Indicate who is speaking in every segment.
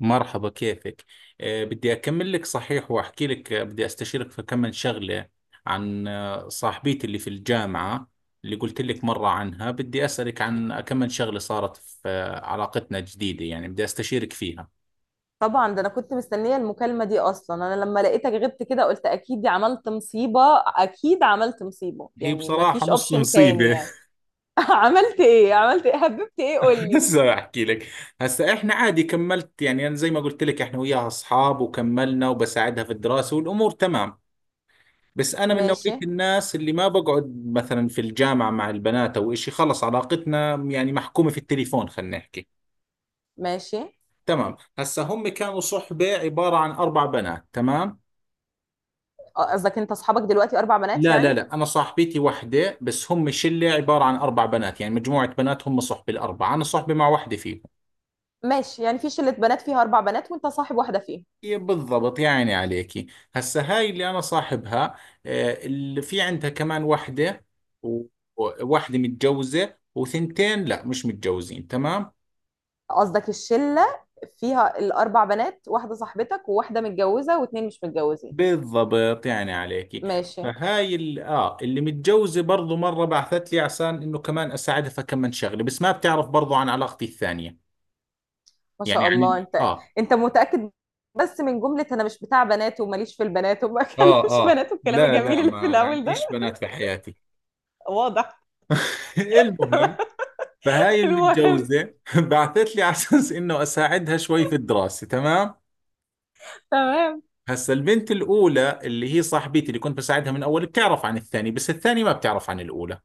Speaker 1: مرحبا، كيفك؟ بدي أكمل لك صحيح، وأحكي لك. بدي أستشيرك في كم من شغلة عن صاحبيتي اللي في الجامعة، اللي قلت لك مرة عنها. بدي أسألك عن كم من شغلة صارت في علاقتنا الجديدة، يعني بدي أستشيرك فيها.
Speaker 2: طبعا ده انا كنت مستنيه المكالمه دي اصلا، انا لما لقيتك غبت كده قلت اكيد دي عملت مصيبه. اكيد عملت مصيبه،
Speaker 1: هي
Speaker 2: يعني ما
Speaker 1: بصراحة
Speaker 2: فيش
Speaker 1: نص
Speaker 2: اوبشن تاني
Speaker 1: مصيبة.
Speaker 2: يعني. عملت ايه؟ عملت ايه؟ هببت ايه؟ قول لي.
Speaker 1: هسه أحكي لك. هسه إحنا عادي كملت، يعني أنا زي ما قلت لك إحنا وياها أصحاب، وكملنا وبساعدها في الدراسة والأمور تمام. بس انا من نوعية
Speaker 2: ماشي.
Speaker 1: الناس اللي ما بقعد مثلا في الجامعة مع البنات او اشي، خلص علاقتنا يعني محكومة في التليفون، خلينا نحكي.
Speaker 2: ماشي.
Speaker 1: تمام، هسا هم كانوا صحبة عبارة عن اربع بنات، تمام.
Speaker 2: آه، قصدك انت اصحابك دلوقتي اربع بنات
Speaker 1: لا لا
Speaker 2: يعني.
Speaker 1: لا، انا صاحبتي وحدة بس، هم شلة عبارة عن اربع بنات، يعني مجموعة بنات، هم صحبة الاربعة، انا صحبة مع وحدة فيهم.
Speaker 2: ماشي، يعني في شله بنات فيها اربع بنات وانت صاحب واحده فيهم.
Speaker 1: إيه بالضبط، يا عيني عليكي. هسا هاي اللي انا صاحبها، اللي في عندها كمان وحدة، و- وواحدة متجوزة، وثنتين لا، مش متجوزين، تمام.
Speaker 2: قصدك الشله فيها الاربع بنات، واحده صاحبتك وواحده متجوزه واتنين مش متجوزين.
Speaker 1: بالضبط، يعني عليكي.
Speaker 2: ماشي.
Speaker 1: فهاي ال... اه اللي متجوزة برضو مرة بعثت لي عشان انه كمان اساعدها فكمن شغلة، بس ما بتعرف برضو عن علاقتي الثانية.
Speaker 2: ما
Speaker 1: يعني
Speaker 2: شاء الله.
Speaker 1: عن
Speaker 2: انت انت متأكد؟ بس من جملة انا مش بتاع بنات وماليش في البنات وما اكلمش
Speaker 1: اه
Speaker 2: بنات والكلام
Speaker 1: لا
Speaker 2: الجميل
Speaker 1: لا،
Speaker 2: اللي في
Speaker 1: ما
Speaker 2: الاول ده.
Speaker 1: عنديش بنات في حياتي.
Speaker 2: واضح.
Speaker 1: المهم،
Speaker 2: تمام.
Speaker 1: فهاي
Speaker 2: المهم.
Speaker 1: المتجوزة بعثت لي على اساس انه اساعدها شوي في الدراسة، تمام.
Speaker 2: تمام.
Speaker 1: هسا البنت الاولى اللي هي صاحبتي اللي كنت بساعدها من اول بتعرف عن الثانية، بس الثانية ما بتعرف عن الاولى.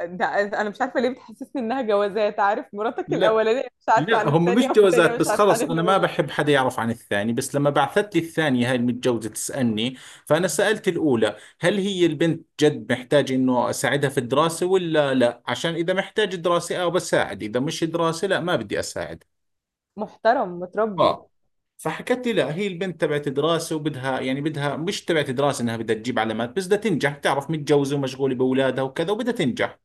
Speaker 2: ده انا مش عارفة ليه بتحسسني انها جوازات، عارف مراتك
Speaker 1: لا،
Speaker 2: الاولانية مش عارفة
Speaker 1: لا
Speaker 2: عن
Speaker 1: هم مش
Speaker 2: التانية والتانية
Speaker 1: جوازات،
Speaker 2: مش
Speaker 1: بس
Speaker 2: عارفة عن
Speaker 1: خلص أنا ما
Speaker 2: الاولى.
Speaker 1: بحب حدا يعرف عن الثاني. بس لما بعثت لي الثانية هاي المتجوزة تسألني، فأنا سألت الأولى هل هي البنت جد محتاج إنه أساعدها في الدراسة ولا لا، عشان إذا محتاج دراسة أو بساعد، إذا مش دراسة لا، ما بدي أساعد.
Speaker 2: محترم متربي.
Speaker 1: آه. فحكت لي لا، هي البنت تبعت دراسة وبدها، يعني بدها مش تبعت دراسة، إنها بدها تجيب علامات، بس بدها تنجح، تعرف متجوزة ومشغولة بأولادها وكذا، وبدها تنجح.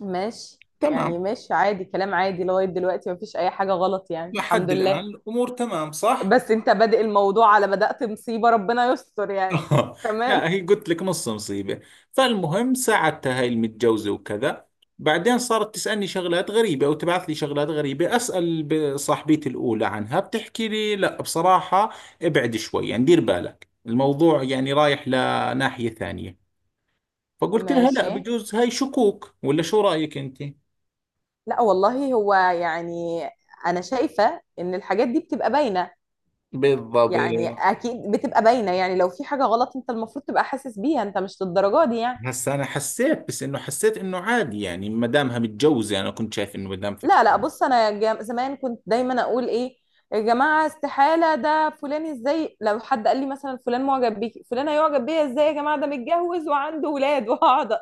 Speaker 2: ماشي، يعني
Speaker 1: تمام.
Speaker 2: ماشي، عادي، كلام عادي لغاية دلوقتي مفيش اي حاجة غلط يعني، الحمد
Speaker 1: لحد الآن
Speaker 2: لله.
Speaker 1: الأمور تمام، صح؟
Speaker 2: بس انت بادئ الموضوع على بدأت مصيبة، ربنا يستر يعني.
Speaker 1: آه،
Speaker 2: تمام.
Speaker 1: لا، هي قلت لك نص مصيبة. فالمهم، ساعدتها هاي المتجوزة وكذا. بعدين صارت تسألني شغلات غريبة أو تبعث لي شغلات غريبة، أسأل صاحبتي الأولى عنها، بتحكي لي لا بصراحة، ابعد شوي، يعني دير بالك، الموضوع يعني رايح لناحية ثانية. فقلت لها لا،
Speaker 2: ماشي.
Speaker 1: بجوز هاي شكوك، ولا شو رأيك أنت؟
Speaker 2: لا والله هو يعني، انا شايفه ان الحاجات دي بتبقى باينه،
Speaker 1: بالضبط.
Speaker 2: يعني اكيد بتبقى باينه، يعني لو في حاجه غلط انت المفروض تبقى حاسس بيها، انت مش للدرجه دي يعني.
Speaker 1: هسا أنا حسيت، بس إنه حسيت إنه عادي، يعني ما دامها متجوزة أنا كنت شايف إنه ما دام فكرة.
Speaker 2: لا لا، بص، زمان كنت دايما اقول ايه، يا جماعه استحاله ده فلان ازاي، لو حد قال لي مثلا فلان معجب بيكي، فلان هيعجب بيا ازاي؟ يا جماعه ده متجوز وعنده ولاد وهقعد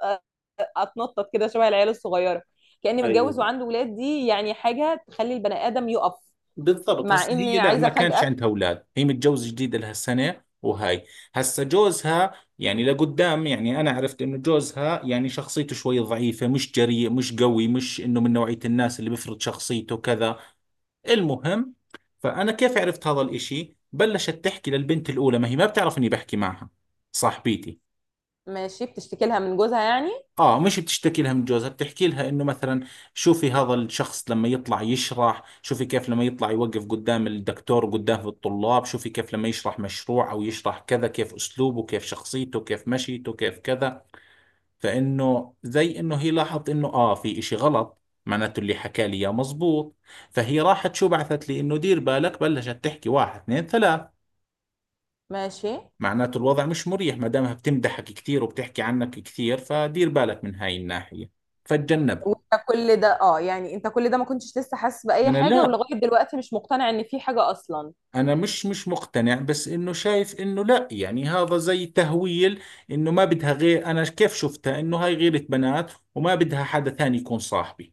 Speaker 2: اتنطط كده شبه العيال الصغيره، كاني متجوز
Speaker 1: ايوه،
Speaker 2: وعنده ولاد، دي يعني حاجه تخلي البني ادم يقف.
Speaker 1: بالضبط.
Speaker 2: مع
Speaker 1: هسه هي
Speaker 2: اني
Speaker 1: لا،
Speaker 2: عايزه
Speaker 1: ما كانش
Speaker 2: افاجئك.
Speaker 1: عندها اولاد، هي متجوزه جديد، لها سنه، وهاي. هسه جوزها، يعني لقدام، يعني انا عرفت انه جوزها يعني شخصيته شوي ضعيفه، مش جريء، مش قوي، مش انه من نوعيه الناس اللي بيفرض شخصيته كذا. المهم، فانا كيف عرفت هذا الاشي بلشت تحكي للبنت الاولى، ما هي ما بتعرف اني بحكي معها، صاحبتي.
Speaker 2: ماشي، بتشتكي لها من جوزها يعني.
Speaker 1: اه، مش بتشتكي لها من جوزها، بتحكي لها انه مثلا شوفي هذا الشخص لما يطلع يشرح، شوفي كيف لما يطلع يوقف قدام الدكتور وقدام الطلاب، شوفي كيف لما يشرح مشروع او يشرح كذا، كيف اسلوبه، كيف شخصيته، كيف مشيته، كيف كذا. فانه زي انه هي لاحظت انه اه في اشي غلط، معناته اللي حكى لي اياه مزبوط. فهي راحت شو بعثت لي، انه دير بالك بلشت تحكي واحد اثنين ثلاث،
Speaker 2: ماشي.
Speaker 1: معناته الوضع مش مريح، ما دامها بتمدحك كثير وبتحكي عنك كثير، فدير بالك من هاي الناحية، فتجنبها.
Speaker 2: وانت كل ده، يعني انت كل ده ما كنتش لسه حاسس بأي
Speaker 1: أنا
Speaker 2: حاجة،
Speaker 1: لا،
Speaker 2: ولغاية دلوقتي مش مقتنع ان في حاجة اصلا؟
Speaker 1: أنا مش مقتنع، بس إنه شايف إنه لا، يعني هذا زي تهويل، إنه ما بدها غير أنا، كيف شفتها إنه هاي غيرة بنات، وما بدها حدا ثاني يكون صاحبي.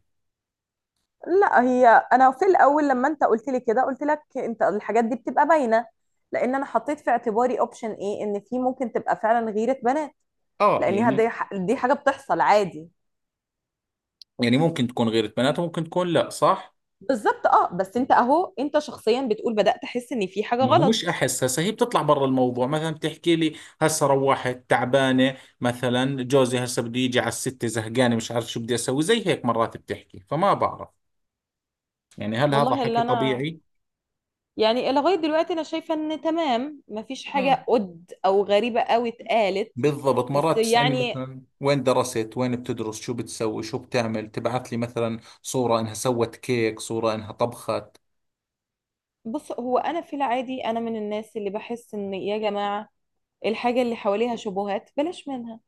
Speaker 2: لا هي، انا في الاول لما انت قلت لي كده قلت لك انت، الحاجات دي بتبقى باينه، لان انا حطيت في اعتباري اوبشن ايه، ان في ممكن تبقى فعلا غيره بنات،
Speaker 1: آه
Speaker 2: لانها
Speaker 1: يعني.
Speaker 2: دي حاجه بتحصل عادي.
Speaker 1: يعني ممكن تكون غيرة بنات، وممكن تكون لا، صح.
Speaker 2: بالظبط اه، بس انت اهو، انت شخصيا بتقول بدأت احس ان في حاجة
Speaker 1: ما هو مش
Speaker 2: غلط.
Speaker 1: أحس، هسه هي بتطلع برا الموضوع مثلا بتحكي لي هسه روحت تعبانة، مثلا جوزي هسه بده يجي على الستة، زهقانة، مش عارف شو بدي أسوي، زي هيك مرات بتحكي، فما بعرف يعني هل هذا
Speaker 2: والله
Speaker 1: حكي
Speaker 2: اللي انا،
Speaker 1: طبيعي؟
Speaker 2: يعني لغاية دلوقتي أنا شايفة إن تمام، مفيش حاجة قد أو غريبة أوي اتقالت.
Speaker 1: بالضبط،
Speaker 2: بس
Speaker 1: مرات تسألني
Speaker 2: يعني،
Speaker 1: مثلا وين درست، وين بتدرس، شو بتسوي، شو بتعمل، تبعث لي مثلا صورة انها سوت كيك، صورة انها طبخت.
Speaker 2: بص هو، أنا في العادي أنا من الناس اللي بحس إن يا جماعة الحاجة اللي حواليها شبهات بلاش منها.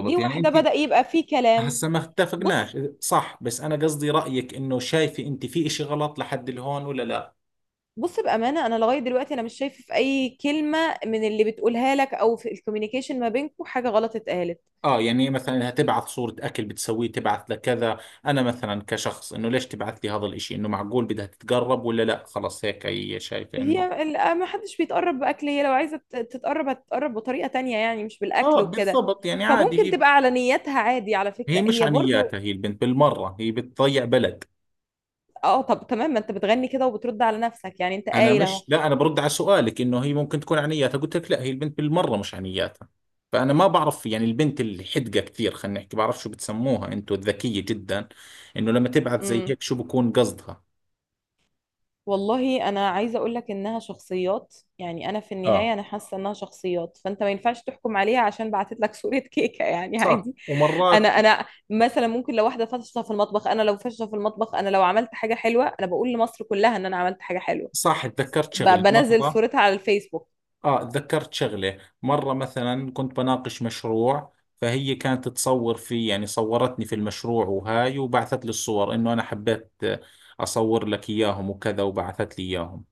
Speaker 2: دي
Speaker 1: يعني
Speaker 2: واحدة،
Speaker 1: انت.
Speaker 2: بدأ يبقى في كلام.
Speaker 1: هسه ما
Speaker 2: بص
Speaker 1: اتفقناش، صح؟ بس انا قصدي رأيك انه شايفة انت في اشي غلط لحد الهون، ولا لا؟
Speaker 2: بص، بأمانة أنا لغاية دلوقتي أنا مش شايفة في أي كلمة من اللي بتقولها لك أو في الكوميونيكيشن ما بينكم حاجة غلط اتقالت.
Speaker 1: اه، يعني مثلا انها تبعث صورة اكل بتسويه، تبعث لكذا، انا مثلا كشخص انه ليش تبعث لي هذا الاشي، انه معقول بدها تتقرب ولا لا، خلاص هيك هي شايفة انه.
Speaker 2: ما حدش بيتقرب باكل، هي لو عايزه تتقرب هتتقرب بطريقه تانية، يعني مش
Speaker 1: اه،
Speaker 2: بالاكل وكده.
Speaker 1: بالضبط، يعني عادي
Speaker 2: فممكن
Speaker 1: هي.
Speaker 2: تبقى على نيتها عادي، على
Speaker 1: هي
Speaker 2: فكره
Speaker 1: مش
Speaker 2: هي برضو.
Speaker 1: عنياتها، هي البنت بالمرة هي بتضيع بلد.
Speaker 2: اه، طب تمام، ما انت بتغني كده وبترد على نفسك يعني، انت
Speaker 1: انا
Speaker 2: قايل اهو.
Speaker 1: مش، لا انا برد على سؤالك انه هي ممكن تكون عنياتها، قلت لك لا، هي البنت بالمره مش عنياتها. فانا ما بعرف يعني البنت اللي حدقه كثير، خلينا نحكي، بعرف شو بتسموها انتو، الذكيه جدا، انه لما تبعث زي
Speaker 2: امم
Speaker 1: هيك شو بكون قصدها.
Speaker 2: والله انا عايزه اقول لك انها شخصيات، يعني انا في
Speaker 1: اه
Speaker 2: النهايه انا حاسه انها شخصيات، فانت ما ينفعش تحكم عليها عشان بعتت لك صوره كيكه يعني
Speaker 1: صح،
Speaker 2: عادي.
Speaker 1: ومرات،
Speaker 2: انا مثلا ممكن لو واحده فاشله في المطبخ، انا لو فاشله في المطبخ، انا لو عملت حاجه حلوه انا بقول لمصر كلها ان انا عملت حاجه حلوه،
Speaker 1: صح، تذكرت شغلة
Speaker 2: بنزل
Speaker 1: مرة.
Speaker 2: صورتها على الفيسبوك.
Speaker 1: اه، تذكرت شغلة مرة، مثلا كنت بناقش مشروع، فهي كانت تصور في يعني صورتني في المشروع وهاي، وبعثت لي الصور انه انا حبيت اصور لك اياهم وكذا، وبعثت لي اياهم.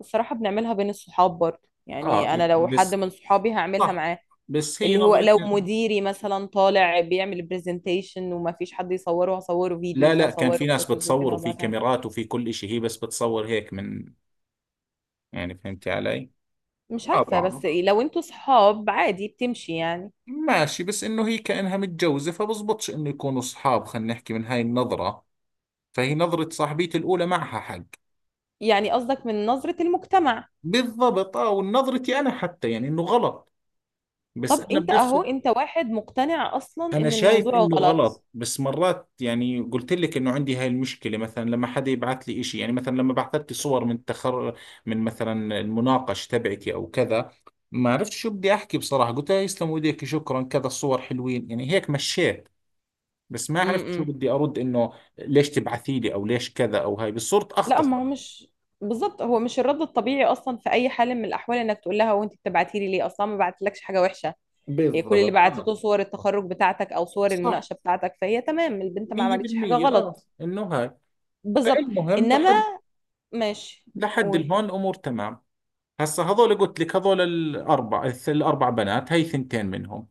Speaker 2: الصراحة بنعملها بين الصحاب برضه،
Speaker 1: اه
Speaker 2: يعني أنا لو حد
Speaker 1: بس،
Speaker 2: من صحابي هعملها
Speaker 1: صح،
Speaker 2: معاه.
Speaker 1: بس هي
Speaker 2: اللي هو لو
Speaker 1: نظرتها.
Speaker 2: مديري مثلا طالع بيعمل برزنتيشن وما فيش حد يصوره، هصوره
Speaker 1: لا
Speaker 2: فيديوز،
Speaker 1: لا، كان في
Speaker 2: هصوره
Speaker 1: ناس
Speaker 2: فوتوز
Speaker 1: بتصور،
Speaker 2: وكده
Speaker 1: وفي
Speaker 2: وابعتها له.
Speaker 1: كاميرات، وفي كل إشي، هي بس بتصور هيك من، يعني فهمتي علي؟
Speaker 2: مش
Speaker 1: اه
Speaker 2: عارفة،
Speaker 1: بعرف،
Speaker 2: بس إيه، لو انتوا صحاب عادي بتمشي يعني.
Speaker 1: ماشي، بس انه هي كأنها متجوزة فبزبطش انه يكونوا اصحاب، خلينا نحكي من هاي النظرة، فهي نظرة صاحبيتي الأولى معها حق.
Speaker 2: يعني قصدك من نظرة المجتمع.
Speaker 1: بالضبط، اه، ونظرتي أنا حتى، يعني انه غلط، بس
Speaker 2: طب
Speaker 1: أنا
Speaker 2: انت
Speaker 1: بنفس.
Speaker 2: اهو، انت واحد مقتنع اصلا
Speaker 1: انا
Speaker 2: ان
Speaker 1: شايف
Speaker 2: الموضوع
Speaker 1: انه
Speaker 2: غلط.
Speaker 1: غلط، بس مرات يعني قلت لك انه عندي هاي المشكله، مثلا لما حدا يبعث لي إشي، يعني مثلا لما بعثت لي صور من من مثلا المناقش تبعتي او كذا، ما عرفت شو بدي احكي بصراحه، قلت لا يسلم ايديك، شكرا، كذا الصور حلوين، يعني هيك مشيت، بس ما
Speaker 2: م-
Speaker 1: عرفت شو
Speaker 2: م.
Speaker 1: بدي ارد، انه ليش تبعثي لي، او ليش كذا، او هاي، بس صرت
Speaker 2: لا، ما
Speaker 1: اختصر.
Speaker 2: هو مش، بالظبط هو مش الرد الطبيعي اصلا في اي حال من الاحوال انك تقول لها وانت بتبعتي لي ليه؟ اصلا ما بعتلكش حاجه وحشه. هي كل اللي
Speaker 1: بالضبط، اه،
Speaker 2: بعتته صور التخرج بتاعتك او صور
Speaker 1: صح،
Speaker 2: المناقشه بتاعتك، فهي تمام، البنت ما عملتش حاجه
Speaker 1: 100%، اه
Speaker 2: غلط.
Speaker 1: انه هاي.
Speaker 2: بالظبط.
Speaker 1: فالمهم
Speaker 2: انما،
Speaker 1: لحد
Speaker 2: ماشي.
Speaker 1: لحد
Speaker 2: قول.
Speaker 1: الهون امور تمام. هسا هذول قلت لك، هذول الاربع الاربع بنات هي، ثنتين منهم،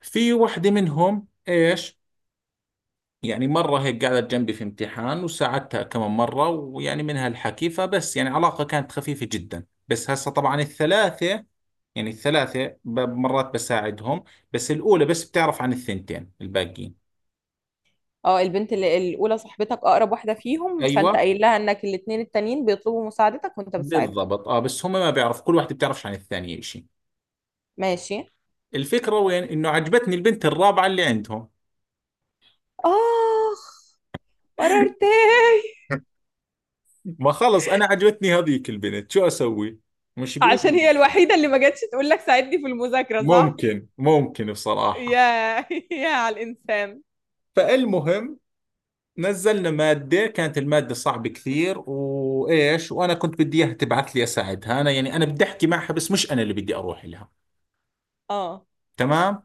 Speaker 1: في وحده منهم ايش، يعني مره هيك قعدت جنبي في امتحان وساعدتها كمان مره ويعني منها الحكي، فبس يعني علاقه كانت خفيفه جدا. بس هسا طبعا الثلاثه، يعني الثلاثه مرات بساعدهم، بس الاولى بس بتعرف عن الثنتين الباقيين.
Speaker 2: اه، البنت اللي الاولى صاحبتك اقرب واحده فيهم، فانت
Speaker 1: ايوه،
Speaker 2: قايل لها انك الاتنين التانيين بيطلبوا مساعدتك وانت بتساعدهم.
Speaker 1: بالضبط، اه، بس هم ما بيعرف، كل واحده بتعرفش عن الثانيه شيء.
Speaker 2: ماشي.
Speaker 1: الفكره وين، انه عجبتني البنت الرابعه اللي عندهم.
Speaker 2: اخ، قررت.
Speaker 1: ما خلص أنا عجبتني هذيك البنت، شو أسوي، مش
Speaker 2: عشان
Speaker 1: بإيدي.
Speaker 2: هي الوحيده اللي ما جاتش تقول لك ساعدني في المذاكره، صح؟
Speaker 1: ممكن، ممكن بصراحة.
Speaker 2: يا يا على الإنسان.
Speaker 1: فالمهم، نزلنا مادة، كانت المادة صعبة كثير وإيش، وأنا كنت بدي إياها تبعث لي أساعدها، أنا يعني أنا بدي أحكي معها، بس مش أنا اللي بدي أروح لها.
Speaker 2: اه،
Speaker 1: تمام.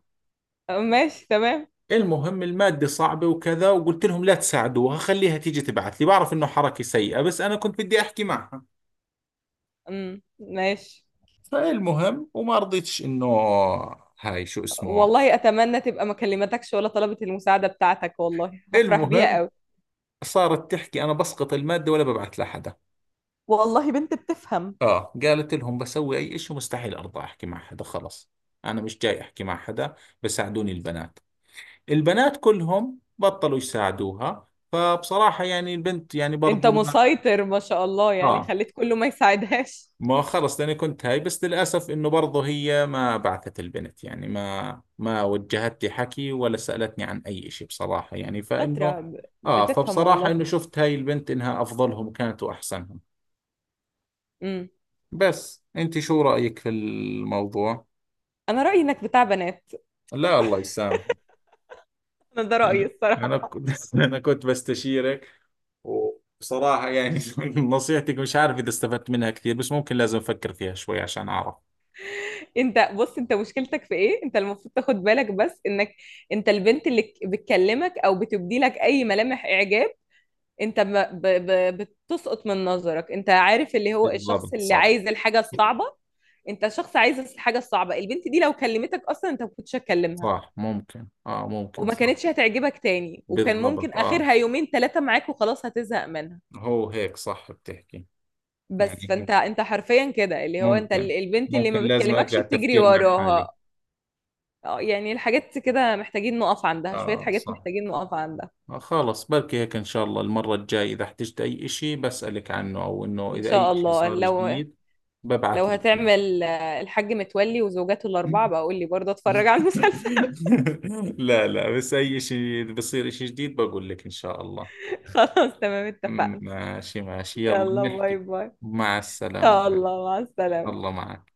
Speaker 2: ماشي تمام.
Speaker 1: المهم، المادة صعبة وكذا، وقلت لهم لا تساعدوها، خليها تيجي تبعث لي، بعرف إنه حركة سيئة، بس أنا كنت بدي أحكي معها.
Speaker 2: ماشي.
Speaker 1: فالمهم، وما رضيتش إنه هاي شو اسمه.
Speaker 2: والله أتمنى تبقى ما كلمتكش ولا طلبت المساعدة بتاعتك، والله هفرح بيها
Speaker 1: المهم،
Speaker 2: قوي.
Speaker 1: صارت تحكي أنا بسقط المادة ولا ببعث لحدا،
Speaker 2: والله بنت بتفهم.
Speaker 1: آه، قالت لهم بسوي أي إشي مستحيل أرضى أحكي مع حدا، خلص، أنا مش جاي أحكي مع حدا، بساعدوني البنات. البنات كلهم بطلوا يساعدوها، فبصراحة يعني البنت، يعني
Speaker 2: انت
Speaker 1: برضو ما،
Speaker 2: مسيطر ما شاء الله، يعني
Speaker 1: آه،
Speaker 2: خليت كله ما يساعدهاش.
Speaker 1: ما خلص، لأني كنت هاي، بس للأسف إنه برضو هي ما بعثت البنت، يعني ما وجهت لي حكي، ولا سألتني عن أي إشي بصراحة، يعني فإنه،
Speaker 2: شاطرة،
Speaker 1: آه،
Speaker 2: بتفهم
Speaker 1: فبصراحة
Speaker 2: والله.
Speaker 1: إنه شفت هاي البنت إنها أفضلهم كانت وأحسنهم.
Speaker 2: امم
Speaker 1: بس انت شو رأيك في الموضوع؟
Speaker 2: انا رأيي انك بتاع بنات.
Speaker 1: لا الله يسامح.
Speaker 2: انا ده رأيي
Speaker 1: انا، انا
Speaker 2: الصراحة.
Speaker 1: كنت، انا كنت بستشيرك، وبصراحة يعني نصيحتك مش عارف اذا استفدت منها كثير، بس ممكن لازم افكر فيها شوي عشان اعرف.
Speaker 2: انت بص، انت مشكلتك في ايه؟ انت المفروض تاخد بالك بس انك، انت البنت اللي بتكلمك او بتبدي لك اي ملامح اعجاب، انت بتسقط من نظرك. انت عارف اللي هو الشخص
Speaker 1: بالضبط،
Speaker 2: اللي
Speaker 1: صح،
Speaker 2: عايز الحاجة الصعبة. انت شخص عايز الحاجة الصعبة. البنت دي لو كلمتك اصلا انت ما كنتش هتكلمها،
Speaker 1: صح، ممكن، اه ممكن،
Speaker 2: وما
Speaker 1: صح.
Speaker 2: كانتش هتعجبك تاني، وكان ممكن
Speaker 1: بالضبط، اه،
Speaker 2: اخرها يومين ثلاثة معاك وخلاص هتزهق منها.
Speaker 1: هو هيك صح بتحكي،
Speaker 2: بس
Speaker 1: يعني
Speaker 2: فانت حرفيا كده، اللي هو انت
Speaker 1: ممكن،
Speaker 2: البنت اللي
Speaker 1: ممكن
Speaker 2: ما
Speaker 1: لازم ارجع
Speaker 2: بتكلمكش بتجري
Speaker 1: التفكير مع حالي.
Speaker 2: وراها. اه، يعني الحاجات كده محتاجين نقف عندها، شوية
Speaker 1: اه
Speaker 2: حاجات
Speaker 1: صح.
Speaker 2: محتاجين نقف عندها.
Speaker 1: خلص، بركي هيك إن شاء الله المرة الجاي إذا احتجت أي إشي بسألك عنه، أو إنه
Speaker 2: ان
Speaker 1: إذا أي
Speaker 2: شاء
Speaker 1: إشي
Speaker 2: الله،
Speaker 1: صار
Speaker 2: لو
Speaker 1: جديد
Speaker 2: لو
Speaker 1: ببعث لك إياه.
Speaker 2: هتعمل الحاج متولي وزوجاته الأربعة بقى قول لي، برضه أتفرج على المسلسل.
Speaker 1: لا لا، بس أي إشي إذا بصير إشي جديد بقول لك إن شاء الله.
Speaker 2: خلاص تمام اتفقنا.
Speaker 1: ماشي ماشي، يلا
Speaker 2: يلا باي
Speaker 1: بنحكي.
Speaker 2: باي.
Speaker 1: مع
Speaker 2: يا
Speaker 1: السلامة.
Speaker 2: الله مع السلامة.
Speaker 1: الله معك.